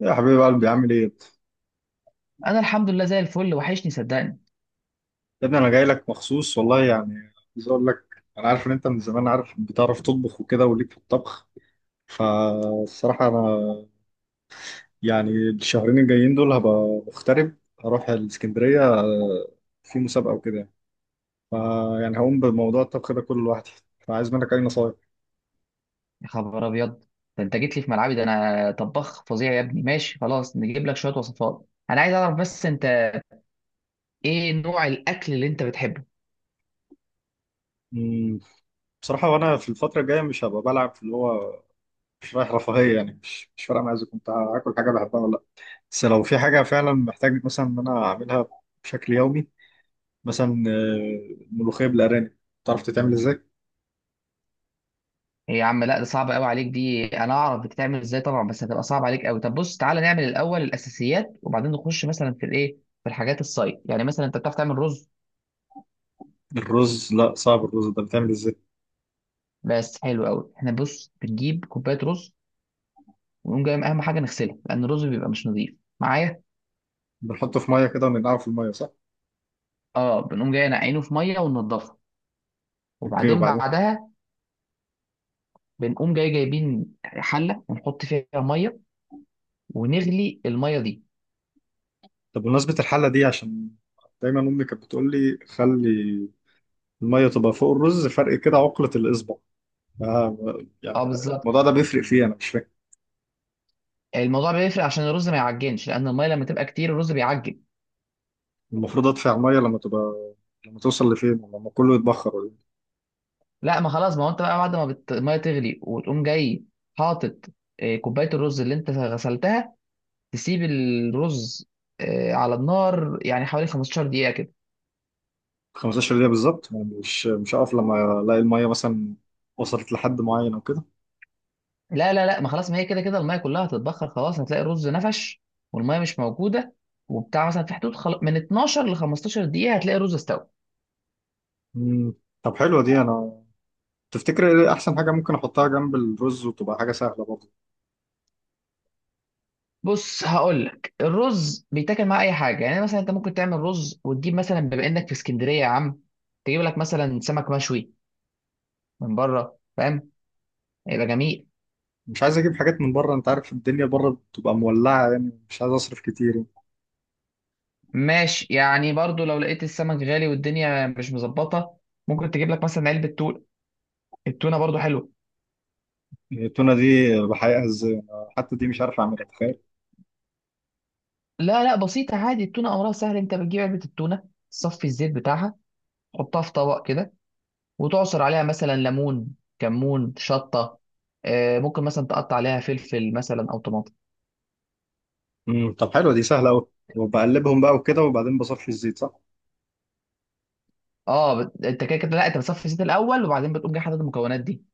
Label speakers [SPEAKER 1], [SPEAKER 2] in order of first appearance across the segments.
[SPEAKER 1] يا حبيب قلبي، عامل ايه؟
[SPEAKER 2] انا الحمد لله زي الفل، وحشني صدقني.
[SPEAKER 1] يا ابني، انا جاي لك مخصوص والله. يعني عايز اقول لك، انا عارف ان انت من زمان عارف، بتعرف تطبخ وكده وليك في الطبخ. فالصراحة انا يعني الشهرين الجايين دول هبقى مغترب. هروح الاسكندرية في مسابقة وكده يعني. فيعني هقوم بموضوع الطبخ ده كله لوحدي، فعايز منك اي نصايح.
[SPEAKER 2] يا خبر ابيض، ده انت جيت لي في ملعبي، ده انا طباخ فظيع يا ابني. ماشي خلاص، نجيب لك شويه وصفات. انا عايز اعرف بس انت ايه نوع الاكل اللي انت بتحبه؟
[SPEAKER 1] أمم، بصراحة، وانا في الفترة الجاية مش هبقى بلعب في اللي هو مش رايح رفاهية. يعني مش فارقة معايا اذا كنت هاكل حاجة بحبها ولا لا. بس لو في حاجة فعلا محتاج مثلا ان انا اعملها بشكل يومي، مثلا ملوخية بالأرانب، تعرف تتعمل ازاي؟
[SPEAKER 2] إيه يا عم، لا ده صعب قوي عليك دي. انا اعرف بتتعمل ازاي طبعا، بس هتبقى صعب عليك قوي. طب بص، تعالى نعمل الاول الاساسيات، وبعدين نخش مثلا في الايه، في الحاجات الصايد. يعني مثلا انت بتعرف تعمل رز؟
[SPEAKER 1] الرز، لا، صعب. الرز ده بتعمل ازاي؟
[SPEAKER 2] بس حلو قوي. احنا بص، بنجيب كوبايه رز، ونقوم جاي اهم حاجه نغسلها، لان الرز بيبقى مش نظيف معايا.
[SPEAKER 1] بنحطه في مية كده وننقعه في المية، صح؟
[SPEAKER 2] اه، بنقوم جاي نعينه في ميه وننضفه،
[SPEAKER 1] اوكي،
[SPEAKER 2] وبعدين
[SPEAKER 1] وبعدين؟
[SPEAKER 2] بعدها بنقوم جاي جايبين حله ونحط فيها ميه، ونغلي الميه دي.
[SPEAKER 1] طب بمناسبة الحلة دي، عشان دايما أمي كانت بتقول لي خلي المية تبقى فوق الرز فرق كده عقلة الإصبع. آه يعني
[SPEAKER 2] اه
[SPEAKER 1] الموضوع
[SPEAKER 2] بالظبط،
[SPEAKER 1] ده بيفرق فيه، أنا مش فاهم.
[SPEAKER 2] الموضوع بيفرق عشان الرز ما يعجنش، لان الميه لما تبقى كتير الرز بيعجن.
[SPEAKER 1] المفروض أدفع مية لما تبقى، لما توصل لفين؟ لما كله يتبخر ولا إيه؟
[SPEAKER 2] لا، ما خلاص، ما هو انت بقى بعد ما الميه تغلي، وتقوم جاي حاطط كوبايه الرز اللي انت غسلتها، تسيب الرز على النار يعني حوالي 15 دقيقه كده.
[SPEAKER 1] 15 دقيقة بالظبط؟ يعني مش هقف لما ألاقي المية مثلا وصلت لحد معين أو كده؟
[SPEAKER 2] لا لا لا، ما خلاص، ما هي كده كده الميه كلها هتتبخر خلاص، هتلاقي الرز نفش والميه مش موجوده. وبتاع مثلا في حدود من 12 ل 15 دقيقه هتلاقي الرز استوى.
[SPEAKER 1] مم. طب حلوة دي. أنا تفتكر ايه احسن حاجه ممكن احطها جنب الرز وتبقى حاجه سهله برضه؟
[SPEAKER 2] بص، هقول لك الرز بيتاكل مع اي حاجه، يعني مثلا انت ممكن تعمل رز وتجيب مثلا، بما انك في اسكندريه يا عم، تجيب لك مثلا سمك مشوي من بره، فاهم؟ هيبقى جميل.
[SPEAKER 1] مش عايز اجيب حاجات من بره، انت عارف الدنيا بره بتبقى مولعه، يعني مش عايز اصرف كتير.
[SPEAKER 2] ماشي، يعني برضو لو لقيت السمك غالي والدنيا مش مظبطه، ممكن تجيب لك مثلا علبه تونه، التونه برضو حلوه.
[SPEAKER 1] يعني التونه دي بحقيقه ازاي؟ أنا حتى دي مش عارف اعملها، تخيل.
[SPEAKER 2] لا لا، بسيطه عادي، التونه امرها سهل. انت بتجيب علبه التونه، تصفي الزيت بتاعها، تحطها في طبق كده، وتعصر عليها مثلا ليمون، كمون، شطه، ممكن مثلا تقطع عليها فلفل مثلا او طماطم.
[SPEAKER 1] طب حلوه دي، سهله قوي. وبقلبهم بقى وكده وبعدين بصفي الزيت، صح؟
[SPEAKER 2] اه انت كده كده، لا، انت بتصفي الزيت الاول، وبعدين بتقوم جاي حاطط المكونات دي.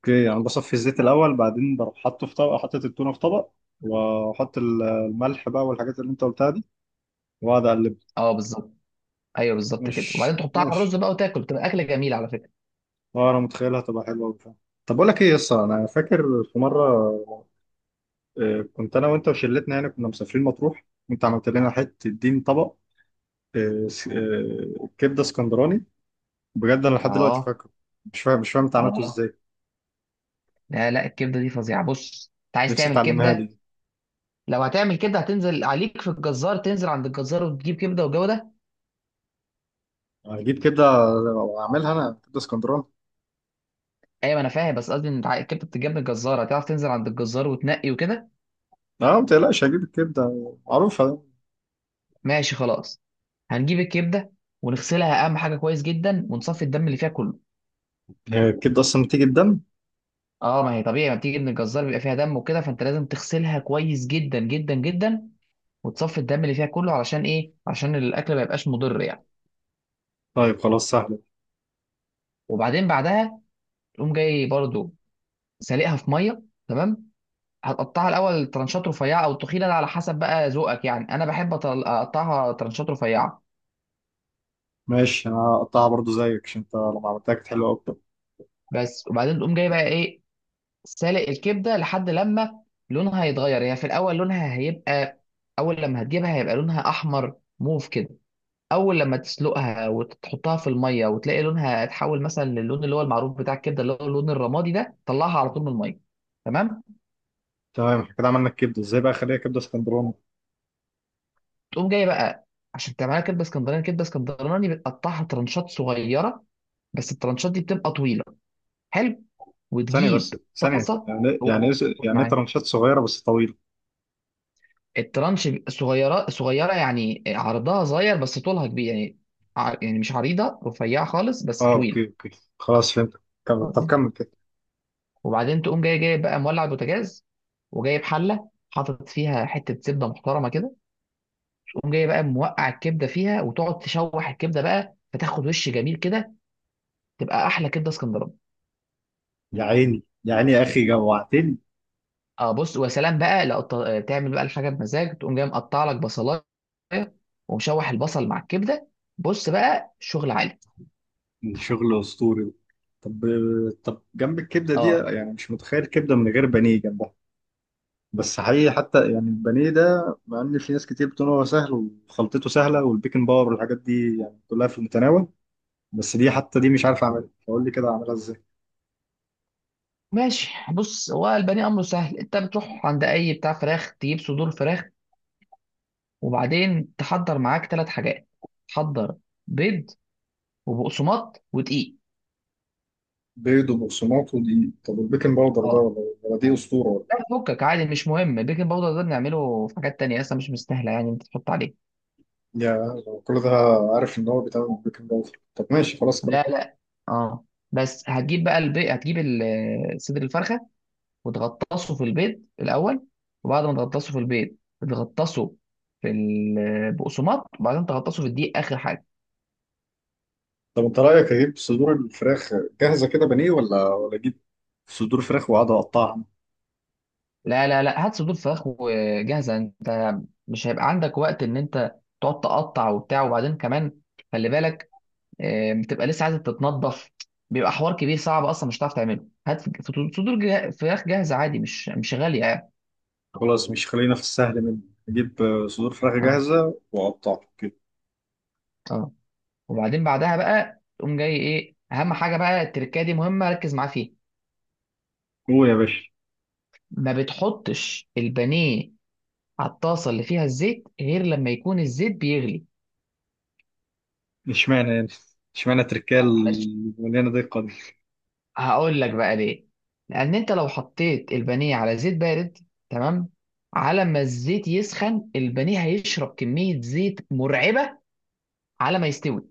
[SPEAKER 1] اوكي، يعني بصفي الزيت الاول بعدين بروح حاطه في طبق، حاطط التونه في طبق واحط الملح بقى والحاجات اللي انت قلتها دي، واقعد اقلب.
[SPEAKER 2] اه بالظبط، ايوه بالظبط كده، وبعدين
[SPEAKER 1] مش
[SPEAKER 2] تحطها على
[SPEAKER 1] ماشي.
[SPEAKER 2] الرز بقى وتاكل، بتبقى اكله جميله على فكره.
[SPEAKER 1] اه، انا متخيلها تبقى حلوه وبتاع. طب بقول لك ايه يا اسطى، انا فاكر في مره كنت انا وانت وشلتنا، يعني كنا مسافرين مطروح، وانت عملت لنا حته دين طبق كبده اسكندراني. بجد انا لحد دلوقتي
[SPEAKER 2] اه.
[SPEAKER 1] فاكره. مش فاهم انت عملته
[SPEAKER 2] اه.
[SPEAKER 1] ازاي.
[SPEAKER 2] لا لا، الكبده دي فظيعه. بص، انت عايز
[SPEAKER 1] نفسي
[SPEAKER 2] تعمل
[SPEAKER 1] تعلمها
[SPEAKER 2] كبده؟
[SPEAKER 1] لي.
[SPEAKER 2] لو هتعمل كبده، هتنزل عليك في الجزار، تنزل عند الجزار وتجيب كبده والجو ده.
[SPEAKER 1] هجيب كبده واعملها انا كبده اسكندراني.
[SPEAKER 2] ايوه، ما انا فاهم، بس قصدي ان الكبده بتتجاب من الجزار، هتعرف تنزل عند الجزار وتنقي وكده.
[SPEAKER 1] لا، ما تقلقش، هجيب الكبده معروفه.
[SPEAKER 2] ماشي خلاص، هنجيب الكبده ونغسلها، اهم حاجه كويس جدا، ونصفي الدم اللي فيها كله.
[SPEAKER 1] هي الكبده اصلا بتيجي الدم؟
[SPEAKER 2] اه، ما هي طبيعي، ما بتيجي من الجزار بيبقى فيها دم وكده، فانت لازم تغسلها كويس جدا جدا جدا، وتصفي الدم اللي فيها كله، علشان ايه؟ علشان الاكل ما يبقاش مضر يعني.
[SPEAKER 1] طيب خلاص، سهله.
[SPEAKER 2] وبعدين بعدها تقوم جاي برضو سالقها في ميه، تمام. هتقطعها الاول ترانشات رفيعه او تخينه، ده على حسب بقى ذوقك يعني. انا بحب اقطعها ترانشات رفيعه
[SPEAKER 1] ماشي، انا هقطعها برضو زيك عشان انت لما عملتها كانت حلوه اكتر.
[SPEAKER 2] بس. وبعدين تقوم جاي بقى ايه، سالق الكبده لحد لما لونها يتغير. هي في الاول لونها هيبقى، اول لما هتجيبها هيبقى لونها احمر موف كده. اول لما تسلقها وتحطها في الميه وتلاقي لونها اتحول مثلا للون اللي هو المعروف بتاع الكبده، اللي هو اللون الرمادي ده، طلعها على طول من الميه، تمام.
[SPEAKER 1] تمام، احنا كده عملنا الكبده، ازاي بقى اخليها كبده اسكندراني؟
[SPEAKER 2] تقوم جاي بقى، عشان تعملها كبده اسكندراني. كبده اسكندراني بتقطعها ترنشات صغيره، بس الترنشات دي بتبقى طويله. حلو،
[SPEAKER 1] ثانيه
[SPEAKER 2] وتجيب
[SPEAKER 1] بس، ثانيه.
[SPEAKER 2] طاسه.
[SPEAKER 1] يعني
[SPEAKER 2] قول
[SPEAKER 1] ايه؟
[SPEAKER 2] قول
[SPEAKER 1] يعني ايه
[SPEAKER 2] معايا.
[SPEAKER 1] ترنشات صغيره بس طويله؟
[SPEAKER 2] الترنش بيبقى صغيره صغيره، يعني عرضها صغير بس طولها كبير يعني، يعني مش عريضه، رفيعه خالص بس
[SPEAKER 1] اه،
[SPEAKER 2] طويل.
[SPEAKER 1] اوكي، اوكي. خلاص فهمت. كمل، طب كمل كده.
[SPEAKER 2] وبعدين تقوم جاي بقى مولع البوتاجاز، وجايب حله حاطط فيها حته زبده محترمه كده. تقوم جاي بقى موقع الكبده فيها، وتقعد تشوح الكبده بقى، فتاخد وش جميل كده، تبقى احلى كبده اسكندراني.
[SPEAKER 1] يا عيني يا عيني، يا اخي جوعتني.
[SPEAKER 2] اه، بص، وسلام بقى، لو تعمل بقى الحاجه بمزاج، تقوم جاي مقطع لك بصلايه ومشوح البصل مع الكبده، بص بقى شغل عالي.
[SPEAKER 1] من شغل اسطوري. طب طب جنب الكبده دي،
[SPEAKER 2] اه
[SPEAKER 1] يعني مش متخيل كبده من غير بانيه جنبها. بس حقيقي حتى يعني البانيه ده، مع ان في ناس كتير بتقول هو سهل وخلطته سهله والبيكنج باور والحاجات دي يعني كلها في المتناول، بس دي حتى دي مش عارف اعملها، فقول لي كده اعملها ازاي.
[SPEAKER 2] ماشي. بص، هو البني امره سهل، انت بتروح عند اي بتاع فراخ، تجيب صدور فراخ. وبعدين تحضر معاك ثلاث حاجات، تحضر بيض وبقسماط ودقيق.
[SPEAKER 1] بيض وبقسماط ودي؟ طب البيكنج باودر ده
[SPEAKER 2] اه،
[SPEAKER 1] ولا دي اسطوره ولا؟
[SPEAKER 2] لا فكك عادي، مش مهم. البيكنج باودر ده بنعمله في حاجات تانية، اصلا مش مستاهله يعني انت تحط عليه.
[SPEAKER 1] يا، كل ده؟ عارف ان هو بيتعمل بالبيكنج باودر. طب ماشي خلاص، كمل.
[SPEAKER 2] لا لا. اه، بس هتجيب بقى البيض، هتجيب صدر الفرخه وتغطسه في البيض الاول، وبعد ما تغطسه في البيض تغطسه في البقسماط، وبعدين تغطسه في الدقيق اخر حاجه.
[SPEAKER 1] طب انت رايك اجيب صدور الفراخ جاهزه كده بانيه ولا اجيب صدور فراخ واقعد اقطعها؟
[SPEAKER 2] لا لا لا، هات صدور فراخ وجاهزه انت، مش هيبقى عندك وقت ان انت تقعد تقطع وبتاع، وبعدين كمان خلي بالك بتبقى لسه عايزه تتنضف، بيبقى حوار كبير صعب، اصلا مش هتعرف تعمله. هات صدور فراخ جاهزه عادي، مش غاليه يعني.
[SPEAKER 1] خلاص، مش خلينا في السهل منه. اجيب صدور فراخ
[SPEAKER 2] اه.
[SPEAKER 1] جاهزه واقطعها كده.
[SPEAKER 2] اه. وبعدين بعدها بقى تقوم جاي ايه اهم حاجه بقى، التركايه دي مهمه، ركز معاها فيها.
[SPEAKER 1] هو يا باشا.
[SPEAKER 2] ما بتحطش البانيه على الطاسه اللي فيها الزيت غير لما يكون الزيت بيغلي.
[SPEAKER 1] اشمعنى يعني؟ اشمعنى تركال
[SPEAKER 2] معلش،
[SPEAKER 1] مليانه دقه دي؟
[SPEAKER 2] هقول لك بقى ليه. لان انت لو حطيت البانيه على زيت بارد، تمام، على ما الزيت يسخن البانيه هيشرب كميه زيت مرعبه على ما يستوي.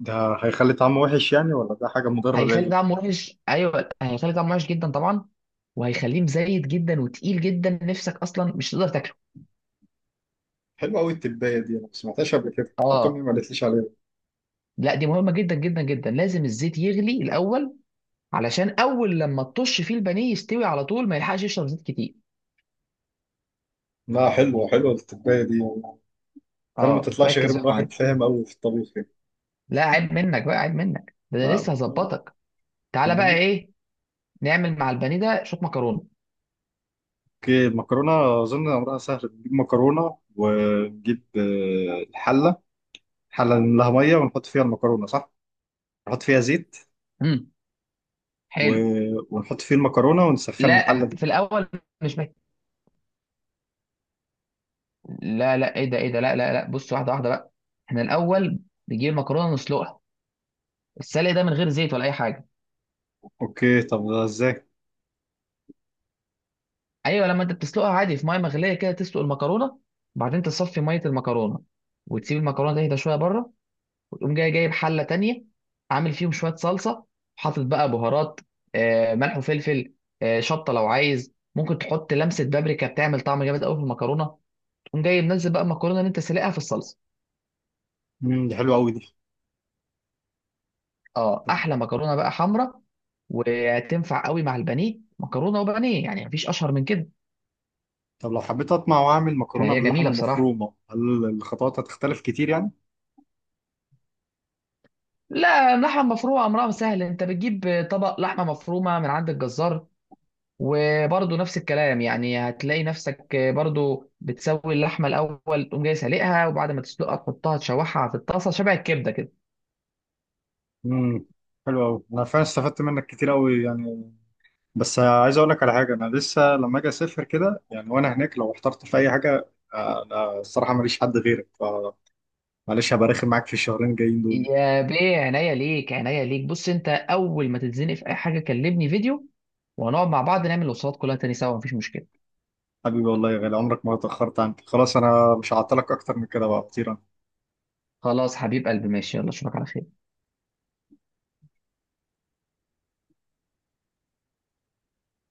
[SPEAKER 1] ده هيخلي طعمه وحش يعني ولا ده حاجه مضره
[SPEAKER 2] هيخلي
[SPEAKER 1] ليا؟
[SPEAKER 2] طعمه وحش، ايوه هيخلي طعمه وحش جدا طبعا، وهيخليه مزيت جدا وتقيل جدا، نفسك اصلا مش تقدر تاكله.
[SPEAKER 1] حلوه قوي التبايه دي، انا ما سمعتهاش قبل كده، حتى امي
[SPEAKER 2] اه،
[SPEAKER 1] ما قالتليش عليها.
[SPEAKER 2] لا دي مهمه جدا جدا جدا، لازم الزيت يغلي الاول، علشان اول لما تطش فيه البانيه يستوي على طول، ما يلحقش يشرب زيت كتير.
[SPEAKER 1] لا، حلوه حلوه التبايه دي. فعلا ما
[SPEAKER 2] اه،
[SPEAKER 1] تطلعش غير
[SPEAKER 2] ركز
[SPEAKER 1] من
[SPEAKER 2] بقى
[SPEAKER 1] واحد
[SPEAKER 2] معايا.
[SPEAKER 1] فاهم قوي في الطبيخ، يعني.
[SPEAKER 2] لا عيب منك بقى، عيب منك، ده انا
[SPEAKER 1] لا.
[SPEAKER 2] لسه هظبطك. تعالى
[SPEAKER 1] طب.
[SPEAKER 2] بقى ايه، نعمل مع البانيه ده شويه مكرونه.
[SPEAKER 1] اوكي، المكرونه اظن امرها سهل. بنجيب مكرونه ونجيب الحله، حله نملاها ميه ونحط فيها المكرونه، صح؟ نحط فيها زيت
[SPEAKER 2] امم
[SPEAKER 1] و...
[SPEAKER 2] حلو.
[SPEAKER 1] ونحط فيه المكرونه ونسخن الحله
[SPEAKER 2] لا
[SPEAKER 1] دي.
[SPEAKER 2] في الاول مش محتاج، لا لا ايه ده ايه ده لا لا لا، بص واحده واحده بقى. احنا الاول بنجيب المكرونه نسلقها، السلق ده من غير زيت ولا اي حاجه.
[SPEAKER 1] اوكي، طب ده ازاي؟
[SPEAKER 2] ايوه، لما انت بتسلقها عادي في ميه مغليه كده، تسلق المكرونه، بعدين تصفي ميه المكرونه، وتسيب المكرونه تهدى شويه بره. وتقوم جاي جايب حله تانية، عامل فيهم شويه صلصه، حاطط بقى بهارات، ملح وفلفل، شطه لو عايز، ممكن تحط لمسه بابريكا بتعمل طعم جامد قوي في المكرونه. تقوم جاي منزل بقى المكرونه اللي انت سلقها في الصلصه.
[SPEAKER 1] دي حلوه قوي دي.
[SPEAKER 2] اه،
[SPEAKER 1] طب...
[SPEAKER 2] احلى مكرونه بقى حمراء، وتنفع قوي مع البانيه، مكرونه وبانيه يعني مفيش اشهر من كده،
[SPEAKER 1] طب لو حبيت اطمع واعمل مكرونه
[SPEAKER 2] فهي
[SPEAKER 1] باللحمه
[SPEAKER 2] جميله بصراحه.
[SPEAKER 1] المفرومه، هل الخطوات هتختلف كتير يعني؟
[SPEAKER 2] لا، اللحمه المفرومه امرها سهل، انت بتجيب طبق لحمه مفرومه من عند الجزار، وبرضه نفس الكلام يعني، هتلاقي نفسك برضه بتسوي اللحمه الاول، تقوم جاي سالقها، وبعد ما تسلقها تحطها تشوحها في الطاسه شبه الكبده كده.
[SPEAKER 1] امم حلو قوي. انا فعلا استفدت منك كتير قوي يعني. بس عايز اقول لك على حاجه، انا لسه لما اجي اسافر كده يعني وانا هناك لو احترت في اي حاجه انا الصراحه ماليش حد غيرك. معلش هبقى رخم معاك في الشهرين الجايين دول.
[SPEAKER 2] يا بيه، عينيا ليك عينيا ليك. بص، انت اول ما تتزنق في اي حاجه كلمني فيديو، وهنقعد مع بعض نعمل الوصفات كلها تاني سوا، مفيش مشكله.
[SPEAKER 1] حبيبي، والله يا غالي، عمرك ما اتأخرت عنك. خلاص انا مش هعطلك اكتر من كده، بقى طير.
[SPEAKER 2] خلاص حبيب قلبي، ماشي، يلا اشوفك على خير.